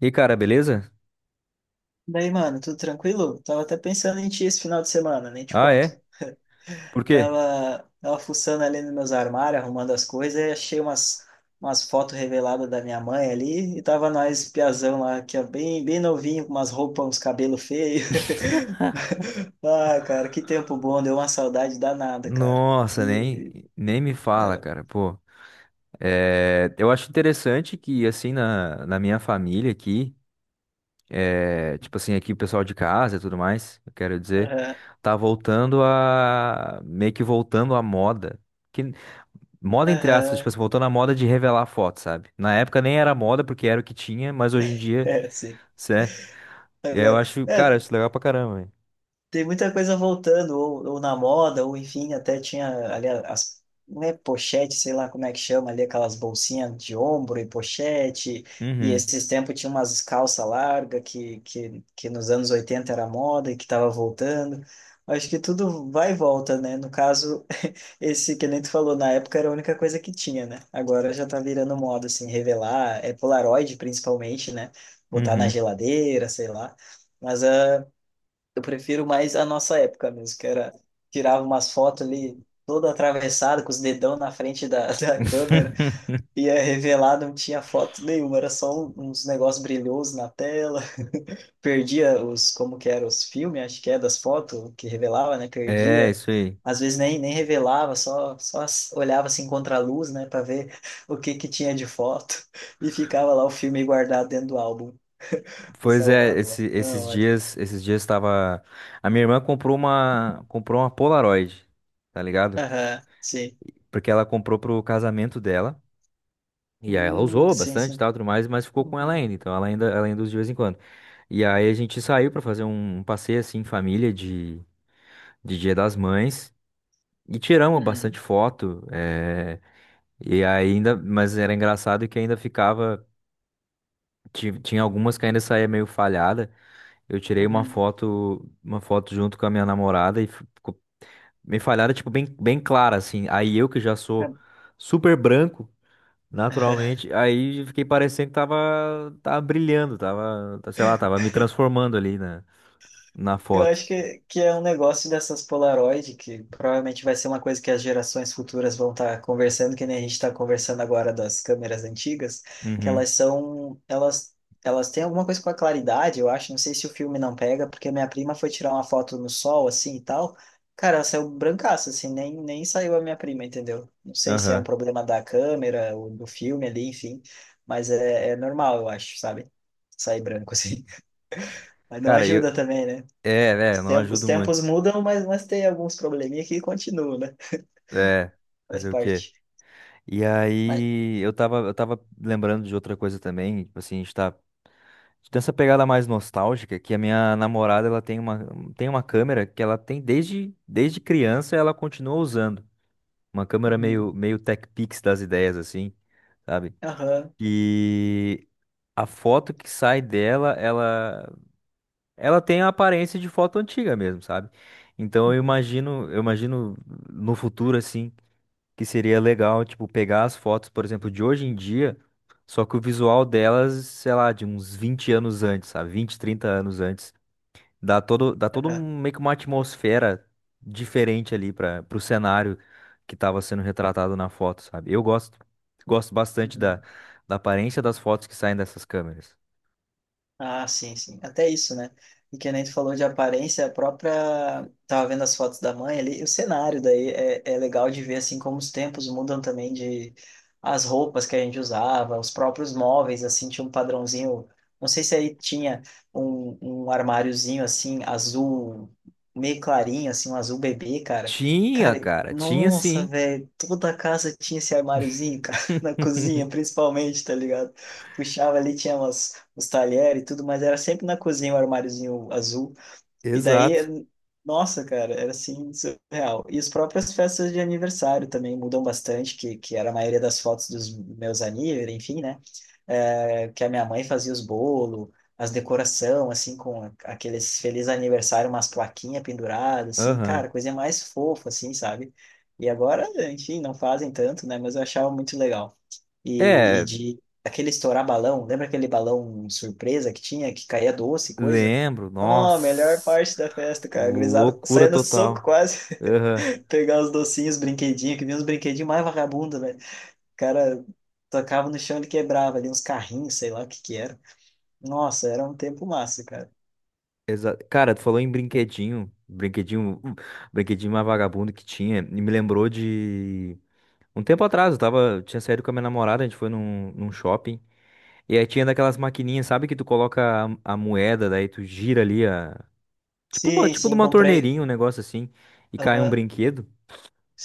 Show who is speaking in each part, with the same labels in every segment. Speaker 1: E cara, beleza?
Speaker 2: Daí, mano, tudo tranquilo? Tava até pensando em ti esse final de semana, nem te
Speaker 1: Ah,
Speaker 2: conto.
Speaker 1: é? Por quê?
Speaker 2: Tava fuçando ali nos meus armários, arrumando as coisas, e achei umas fotos reveladas da minha mãe ali, e tava nós, piazão lá, que é bem, bem novinho, com umas roupas, uns cabelos feios. Ah, cara, que tempo bom, deu uma saudade danada, cara.
Speaker 1: Nossa, nem,
Speaker 2: Que
Speaker 1: nem me fala,
Speaker 2: era.
Speaker 1: cara. Pô, é, eu acho interessante que, assim, na minha família aqui, é, tipo assim, aqui o pessoal de casa e tudo mais, eu quero dizer,
Speaker 2: Aham,
Speaker 1: tá voltando meio que voltando à moda. Que, Moda entre aspas, tipo
Speaker 2: aham,
Speaker 1: assim, voltando à moda de revelar foto, sabe? Na época nem era moda porque era o que tinha, mas hoje em dia,
Speaker 2: é, sim.
Speaker 1: cê, é, eu
Speaker 2: Agora,
Speaker 1: acho, cara,
Speaker 2: é,
Speaker 1: eu acho legal pra caramba, velho.
Speaker 2: tem muita coisa voltando, ou na moda, ou enfim, até tinha ali as, não é pochete, sei lá como é que chama ali, aquelas bolsinhas de ombro e pochete, e
Speaker 1: Uhum,
Speaker 2: esses tempos tinha umas calça larga que nos anos 80 era moda e que estava voltando. Acho que tudo vai e volta, né? No caso, esse que nem tu falou, na época era a única coisa que tinha, né? Agora já tá virando moda, assim, revelar, é Polaroid principalmente, né? Botar na
Speaker 1: uhum.
Speaker 2: geladeira, sei lá. Mas ah, eu prefiro mais a nossa época mesmo, que era tirava umas fotos ali todo atravessado com os dedão na frente da, da câmera, ia revelar, não tinha foto nenhuma, era só uns negócios brilhosos na tela. Perdia os, como que era, os filmes, acho que é das fotos que revelava, né?
Speaker 1: É,
Speaker 2: Perdia.
Speaker 1: isso aí.
Speaker 2: Às vezes nem revelava, só olhava assim contra a luz, né, para ver o que que tinha de foto e ficava lá o filme guardado dentro do álbum,
Speaker 1: Pois é,
Speaker 2: salvado lá.
Speaker 1: esse- esses
Speaker 2: Não,
Speaker 1: dias, esses dias tava. A minha irmã comprou uma Polaroid, tá ligado?
Speaker 2: aham, sim.
Speaker 1: Porque ela comprou pro casamento dela. E aí ela usou
Speaker 2: Sim,
Speaker 1: bastante, e
Speaker 2: sim.
Speaker 1: tal, tudo mais, mas ficou com ela
Speaker 2: Uhum,
Speaker 1: ainda. Então ela ainda usa de vez em quando. E aí a gente saiu pra fazer um passeio assim em família de, Dia das Mães e tiramos
Speaker 2: uhum,
Speaker 1: bastante foto. E ainda, mas era engraçado que ainda ficava, tinha algumas que ainda saía meio falhada. Eu tirei uma
Speaker 2: uhum.
Speaker 1: foto, uma foto junto com a minha namorada e me falharam, tipo, bem, bem clara, assim. Aí eu que já sou super branco,
Speaker 2: Tá.
Speaker 1: naturalmente, aí fiquei parecendo que tava brilhando, tava, sei lá, tava me transformando ali na
Speaker 2: Eu acho
Speaker 1: foto.
Speaker 2: que é um negócio dessas Polaroid, que provavelmente vai ser uma coisa que as gerações futuras vão estar conversando, que nem a gente está conversando agora das câmeras antigas, que
Speaker 1: Uhum,
Speaker 2: elas são, elas têm alguma coisa com a claridade, eu acho, não sei se o filme não pega, porque minha prima foi tirar uma foto no sol, assim, e tal, cara, ela saiu brancaça, assim, nem saiu a minha prima, entendeu? Não sei se é um
Speaker 1: aham.
Speaker 2: problema da câmera, ou do filme ali, enfim, mas é, é normal, eu acho, sabe? Sair branco, assim. Mas não
Speaker 1: Cara,
Speaker 2: ajuda também, né? Ah,
Speaker 1: é,
Speaker 2: Os
Speaker 1: não
Speaker 2: tem- os
Speaker 1: ajudo
Speaker 2: tempos
Speaker 1: muito.
Speaker 2: mudam, mas tem alguns probleminha que continuam, né?
Speaker 1: É,
Speaker 2: Faz
Speaker 1: fazer o quê?
Speaker 2: parte.
Speaker 1: E
Speaker 2: Mas,
Speaker 1: aí, eu tava lembrando de outra coisa também, tipo assim, a gente tá dessa pegada mais nostálgica, que a minha namorada ela tem uma câmera que ela tem desde criança e ela continua usando. Uma câmera
Speaker 2: uhum,
Speaker 1: meio Tech Pix das ideias, assim, sabe?
Speaker 2: aham,
Speaker 1: E a foto que sai dela, ela tem a aparência de foto antiga mesmo, sabe? Então eu
Speaker 2: uhum,
Speaker 1: imagino, eu imagino no futuro, assim, que seria legal, tipo, pegar as fotos, por exemplo, de hoje em dia. Só que o visual delas, sei lá, de uns 20 anos antes, sabe? 20, 30 anos antes.
Speaker 2: aham,
Speaker 1: Meio que uma atmosfera diferente ali para pro cenário que estava sendo retratado na foto, sabe? Eu gosto bastante da,
Speaker 2: uhum.
Speaker 1: da aparência das fotos que saem dessas câmeras.
Speaker 2: Ah, sim, sim. Até isso, né? E que nem tu falou de aparência, a própria. Tava vendo as fotos da mãe ali, o cenário daí é, é legal de ver assim como os tempos mudam também de as roupas que a gente usava, os próprios móveis, assim, tinha um padrãozinho. Não sei se aí tinha um, um armáriozinho assim, azul, meio clarinho, assim, um azul bebê, cara.
Speaker 1: Tinha,
Speaker 2: Cara,
Speaker 1: cara, tinha
Speaker 2: nossa,
Speaker 1: sim.
Speaker 2: velho, toda a casa tinha esse armáriozinho, cara, na cozinha, principalmente, tá ligado? Puxava ali, tinha umas os talheres e tudo, mas era sempre na cozinha o armáriozinho azul. E
Speaker 1: Exato.
Speaker 2: daí, nossa, cara, era assim, surreal. E as próprias festas de aniversário também mudam bastante, que era a maioria das fotos dos meus aníveis, enfim, né? É, que a minha mãe fazia os bolos, as decoração, assim, com aqueles feliz aniversário, umas plaquinhas penduradas, assim,
Speaker 1: Aham.
Speaker 2: cara, coisa mais fofa, assim, sabe? E agora, enfim, não fazem tanto, né? Mas eu achava muito legal. E
Speaker 1: É,
Speaker 2: de aquele estourar balão, lembra aquele balão surpresa que tinha, que caía doce e coisa?
Speaker 1: lembro,
Speaker 2: Ó, melhor
Speaker 1: nossa,
Speaker 2: parte da festa, cara. A gurizada
Speaker 1: loucura
Speaker 2: saia no soco
Speaker 1: total.
Speaker 2: quase,
Speaker 1: Aham.
Speaker 2: pegar os docinhos, os brinquedinhos, que vinha uns brinquedinhos mais vagabundos, velho. O cara tocava no chão e quebrava ali uns carrinhos, sei lá o que que era. Nossa, era um tempo massa, cara.
Speaker 1: Cara, tu falou em brinquedinho mais vagabundo que tinha, e me lembrou de um tempo atrás, eu tava, tinha saído com a minha namorada, a gente foi num shopping. E aí tinha daquelas maquininhas, sabe, que tu coloca a moeda, daí tu gira ali a. Tipo uma,
Speaker 2: Sim,
Speaker 1: tipo de
Speaker 2: sim,
Speaker 1: uma
Speaker 2: comprei.
Speaker 1: torneirinha, um negócio assim, e cai um
Speaker 2: Aham,
Speaker 1: brinquedo.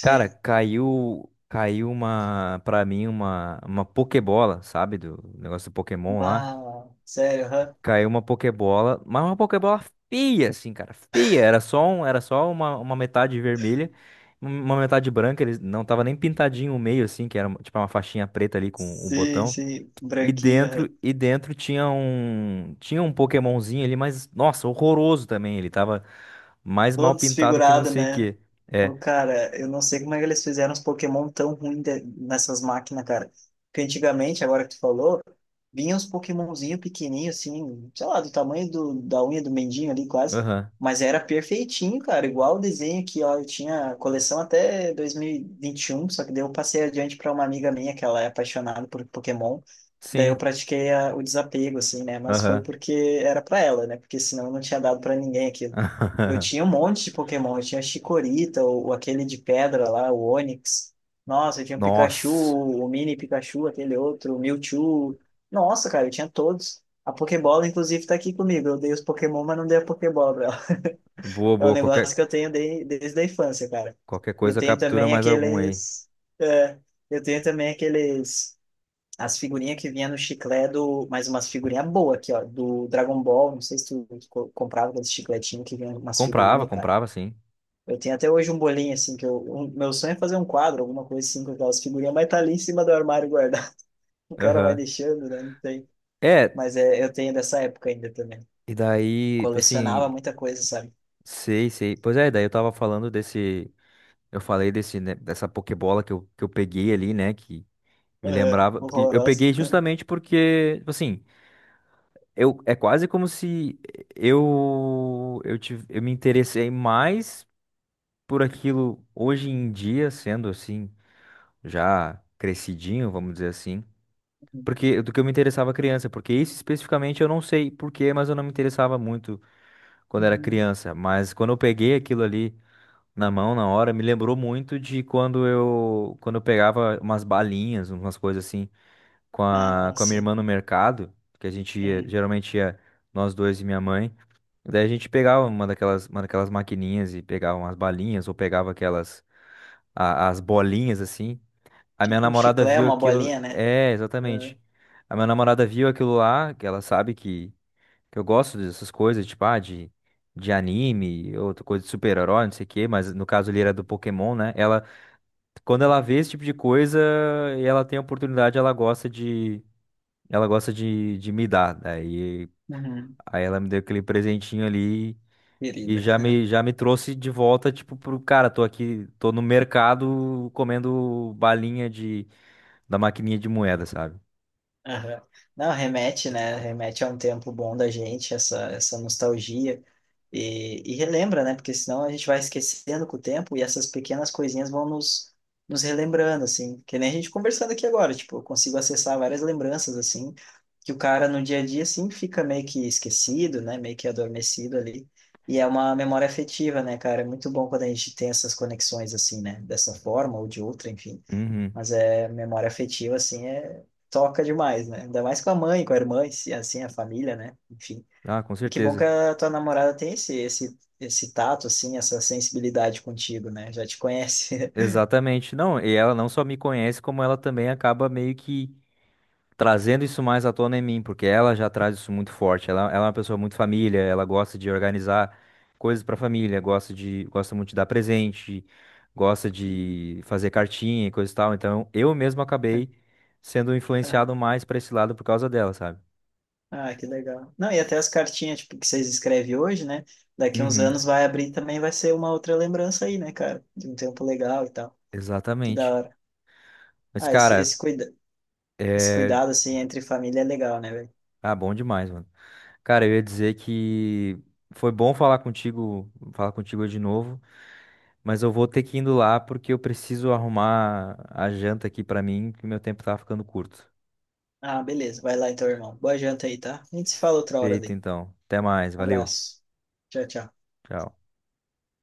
Speaker 1: Cara, caiu. Caiu uma, pra mim, uma Pokébola, sabe? Do negócio do Pokémon lá.
Speaker 2: Bah, sério, aham.
Speaker 1: Caiu uma Pokébola, mas uma Pokébola feia, assim, cara, feia. Era só um, era só uma metade vermelha, uma metade branca. Ele não tava nem pintadinho o meio, assim, que era tipo uma faixinha preta ali com um
Speaker 2: Sim,
Speaker 1: botão.
Speaker 2: sim,
Speaker 1: E
Speaker 2: branquinho,
Speaker 1: dentro,
Speaker 2: aham.
Speaker 1: e dentro tinha um, Pokémonzinho ali, mas nossa, horroroso também. Ele tava mais mal
Speaker 2: Todo
Speaker 1: pintado que não
Speaker 2: desfigurado,
Speaker 1: sei o
Speaker 2: né?
Speaker 1: quê. É,
Speaker 2: Pô, cara, eu não sei como é que eles fizeram os Pokémon tão ruins nessas máquinas, cara. Porque antigamente, agora que tu falou, vinha uns Pokémonzinho pequenininho, assim, sei lá, do tamanho do, da unha do mendinho ali, quase.
Speaker 1: aham,
Speaker 2: Mas era perfeitinho, cara, igual o desenho que ó, eu tinha a coleção até dois mil e vinte e um só que daí eu passei adiante para uma amiga minha que ela é apaixonada por Pokémon. Daí eu
Speaker 1: sim,
Speaker 2: pratiquei o desapego, assim, né? Mas foi
Speaker 1: aham.
Speaker 2: porque era para ela, né? Porque senão não tinha dado para ninguém eu tinha um monte de Pokémon. Eu tinha Chikorita, o aquele de pedra lá, o Onix. Nossa, eu tinha o Pikachu,
Speaker 1: Nossa,
Speaker 2: o Mini Pikachu, aquele outro, o Mewtwo. Nossa, cara, eu tinha todos. A Pokébola, inclusive, tá aqui comigo. Eu dei os Pokémon, mas não dei a Pokébola pra ela.
Speaker 1: boa,
Speaker 2: É um
Speaker 1: boa. Qualquer,
Speaker 2: negócio que eu tenho desde a infância, cara.
Speaker 1: qualquer
Speaker 2: E eu
Speaker 1: coisa
Speaker 2: tenho
Speaker 1: captura
Speaker 2: também
Speaker 1: mais algum aí.
Speaker 2: aqueles. É, eu tenho também aqueles. As figurinhas que vinha no chiclete do. Mais umas figurinhas boas aqui, ó. Do Dragon Ball. Não sei se tu, tu comprava aqueles chicletinhos que vinha umas
Speaker 1: Comprava,
Speaker 2: figurinhas, cara.
Speaker 1: comprava, sim.
Speaker 2: Eu tenho até hoje um bolinho, assim, que eu, meu sonho é fazer um quadro, alguma coisa assim, com aquelas figurinhas, mas tá ali em cima do armário guardado. O cara vai
Speaker 1: Aham.
Speaker 2: deixando, né? Não tem.
Speaker 1: É,
Speaker 2: Mas é, eu tenho dessa época ainda também.
Speaker 1: e daí, tipo assim,
Speaker 2: Colecionava muita coisa, sabe?
Speaker 1: sei, sei. Pois é, daí eu tava falando desse. Eu falei desse, né, dessa Pokébola que eu peguei ali, né? Que me
Speaker 2: Aham,
Speaker 1: lembrava. Porque eu
Speaker 2: horrorosa.
Speaker 1: peguei justamente porque, tipo assim, eu, é quase como se eu me interessei mais por aquilo hoje em dia, sendo assim, já crescidinho, vamos dizer assim. Porque do que eu me interessava criança, porque isso especificamente eu não sei porquê, mas eu não me interessava muito quando era
Speaker 2: Uhum.
Speaker 1: criança, mas quando eu peguei aquilo ali na mão na hora, me lembrou muito de quando eu pegava umas balinhas, umas coisas assim, com a
Speaker 2: Ah,
Speaker 1: com a minha
Speaker 2: sim.
Speaker 1: irmã no mercado, que a gente ia,
Speaker 2: Uhum.
Speaker 1: geralmente ia nós dois e minha mãe. Daí a gente pegava uma daquelas maquininhas e pegava umas balinhas ou pegava aquelas as bolinhas assim. A minha
Speaker 2: Tipo um
Speaker 1: namorada
Speaker 2: chiclete,
Speaker 1: viu
Speaker 2: uma
Speaker 1: aquilo,
Speaker 2: bolinha, né?
Speaker 1: é,
Speaker 2: Uhum.
Speaker 1: exatamente. A minha namorada viu aquilo lá, que ela sabe que eu gosto dessas coisas, tipo, ah, de anime, outra coisa de super-herói, não sei o quê, mas no caso ali era do Pokémon, né? Ela, quando ela vê esse tipo de coisa e ela tem a oportunidade, ela gosta de me dar. Daí,
Speaker 2: Uhum.
Speaker 1: aí ela me deu aquele presentinho ali e
Speaker 2: Querido.
Speaker 1: já me trouxe de volta, tipo, pro cara, tô aqui, tô no mercado comendo balinha da maquininha de moeda, sabe?
Speaker 2: Aham. Não, remete, né? Remete a um tempo bom da gente, essa nostalgia. E relembra, né? Porque senão a gente vai esquecendo com o tempo e essas pequenas coisinhas vão nos, relembrando, assim. Que nem a gente conversando aqui agora, tipo, eu consigo acessar várias lembranças, assim, que o cara no dia a dia, assim, fica meio que esquecido, né? Meio que adormecido ali. E é uma memória afetiva, né, cara? É muito bom quando a gente tem essas conexões, assim, né? Dessa forma ou de outra, enfim.
Speaker 1: Uhum.
Speaker 2: Mas é memória afetiva, assim, é toca demais, né? Ainda mais com a mãe, com a irmã, e assim, a família, né? Enfim.
Speaker 1: Ah, com
Speaker 2: E que bom que
Speaker 1: certeza.
Speaker 2: a tua namorada tem esse tato, assim, essa sensibilidade contigo, né? Já te conhece.
Speaker 1: Exatamente. Não, e ela não só me conhece, como ela também acaba meio que trazendo isso mais à tona em mim, porque ela já traz isso muito forte. Ela é uma pessoa muito família, ela gosta de organizar coisas para família, gosta muito de dar presente, gosta
Speaker 2: Hum.
Speaker 1: de fazer cartinha e coisa e tal. Então, eu mesmo acabei sendo
Speaker 2: Ah,
Speaker 1: influenciado mais para esse lado por causa dela, sabe?
Speaker 2: ah, que legal. Não, e até as cartinhas, tipo, que vocês escrevem hoje, né? Daqui uns
Speaker 1: Uhum,
Speaker 2: anos vai abrir também, vai ser uma outra lembrança aí, né, cara? De um tempo legal e tal. Que da
Speaker 1: exatamente.
Speaker 2: hora.
Speaker 1: Mas,
Speaker 2: Ah,
Speaker 1: cara,
Speaker 2: esse
Speaker 1: é.
Speaker 2: cuidado, assim, entre família é legal, né, velho?
Speaker 1: Ah, bom demais, mano. Cara, eu ia dizer que foi bom falar contigo de novo, mas eu vou ter que ir indo lá porque eu preciso arrumar a janta aqui pra mim, que meu tempo tá ficando curto.
Speaker 2: Ah, beleza. Vai lá então, irmão. Boa janta aí, tá? A gente se fala outra hora
Speaker 1: Feito
Speaker 2: daí.
Speaker 1: então. Até mais, valeu.
Speaker 2: Abraço. Tchau, tchau.
Speaker 1: Tchau.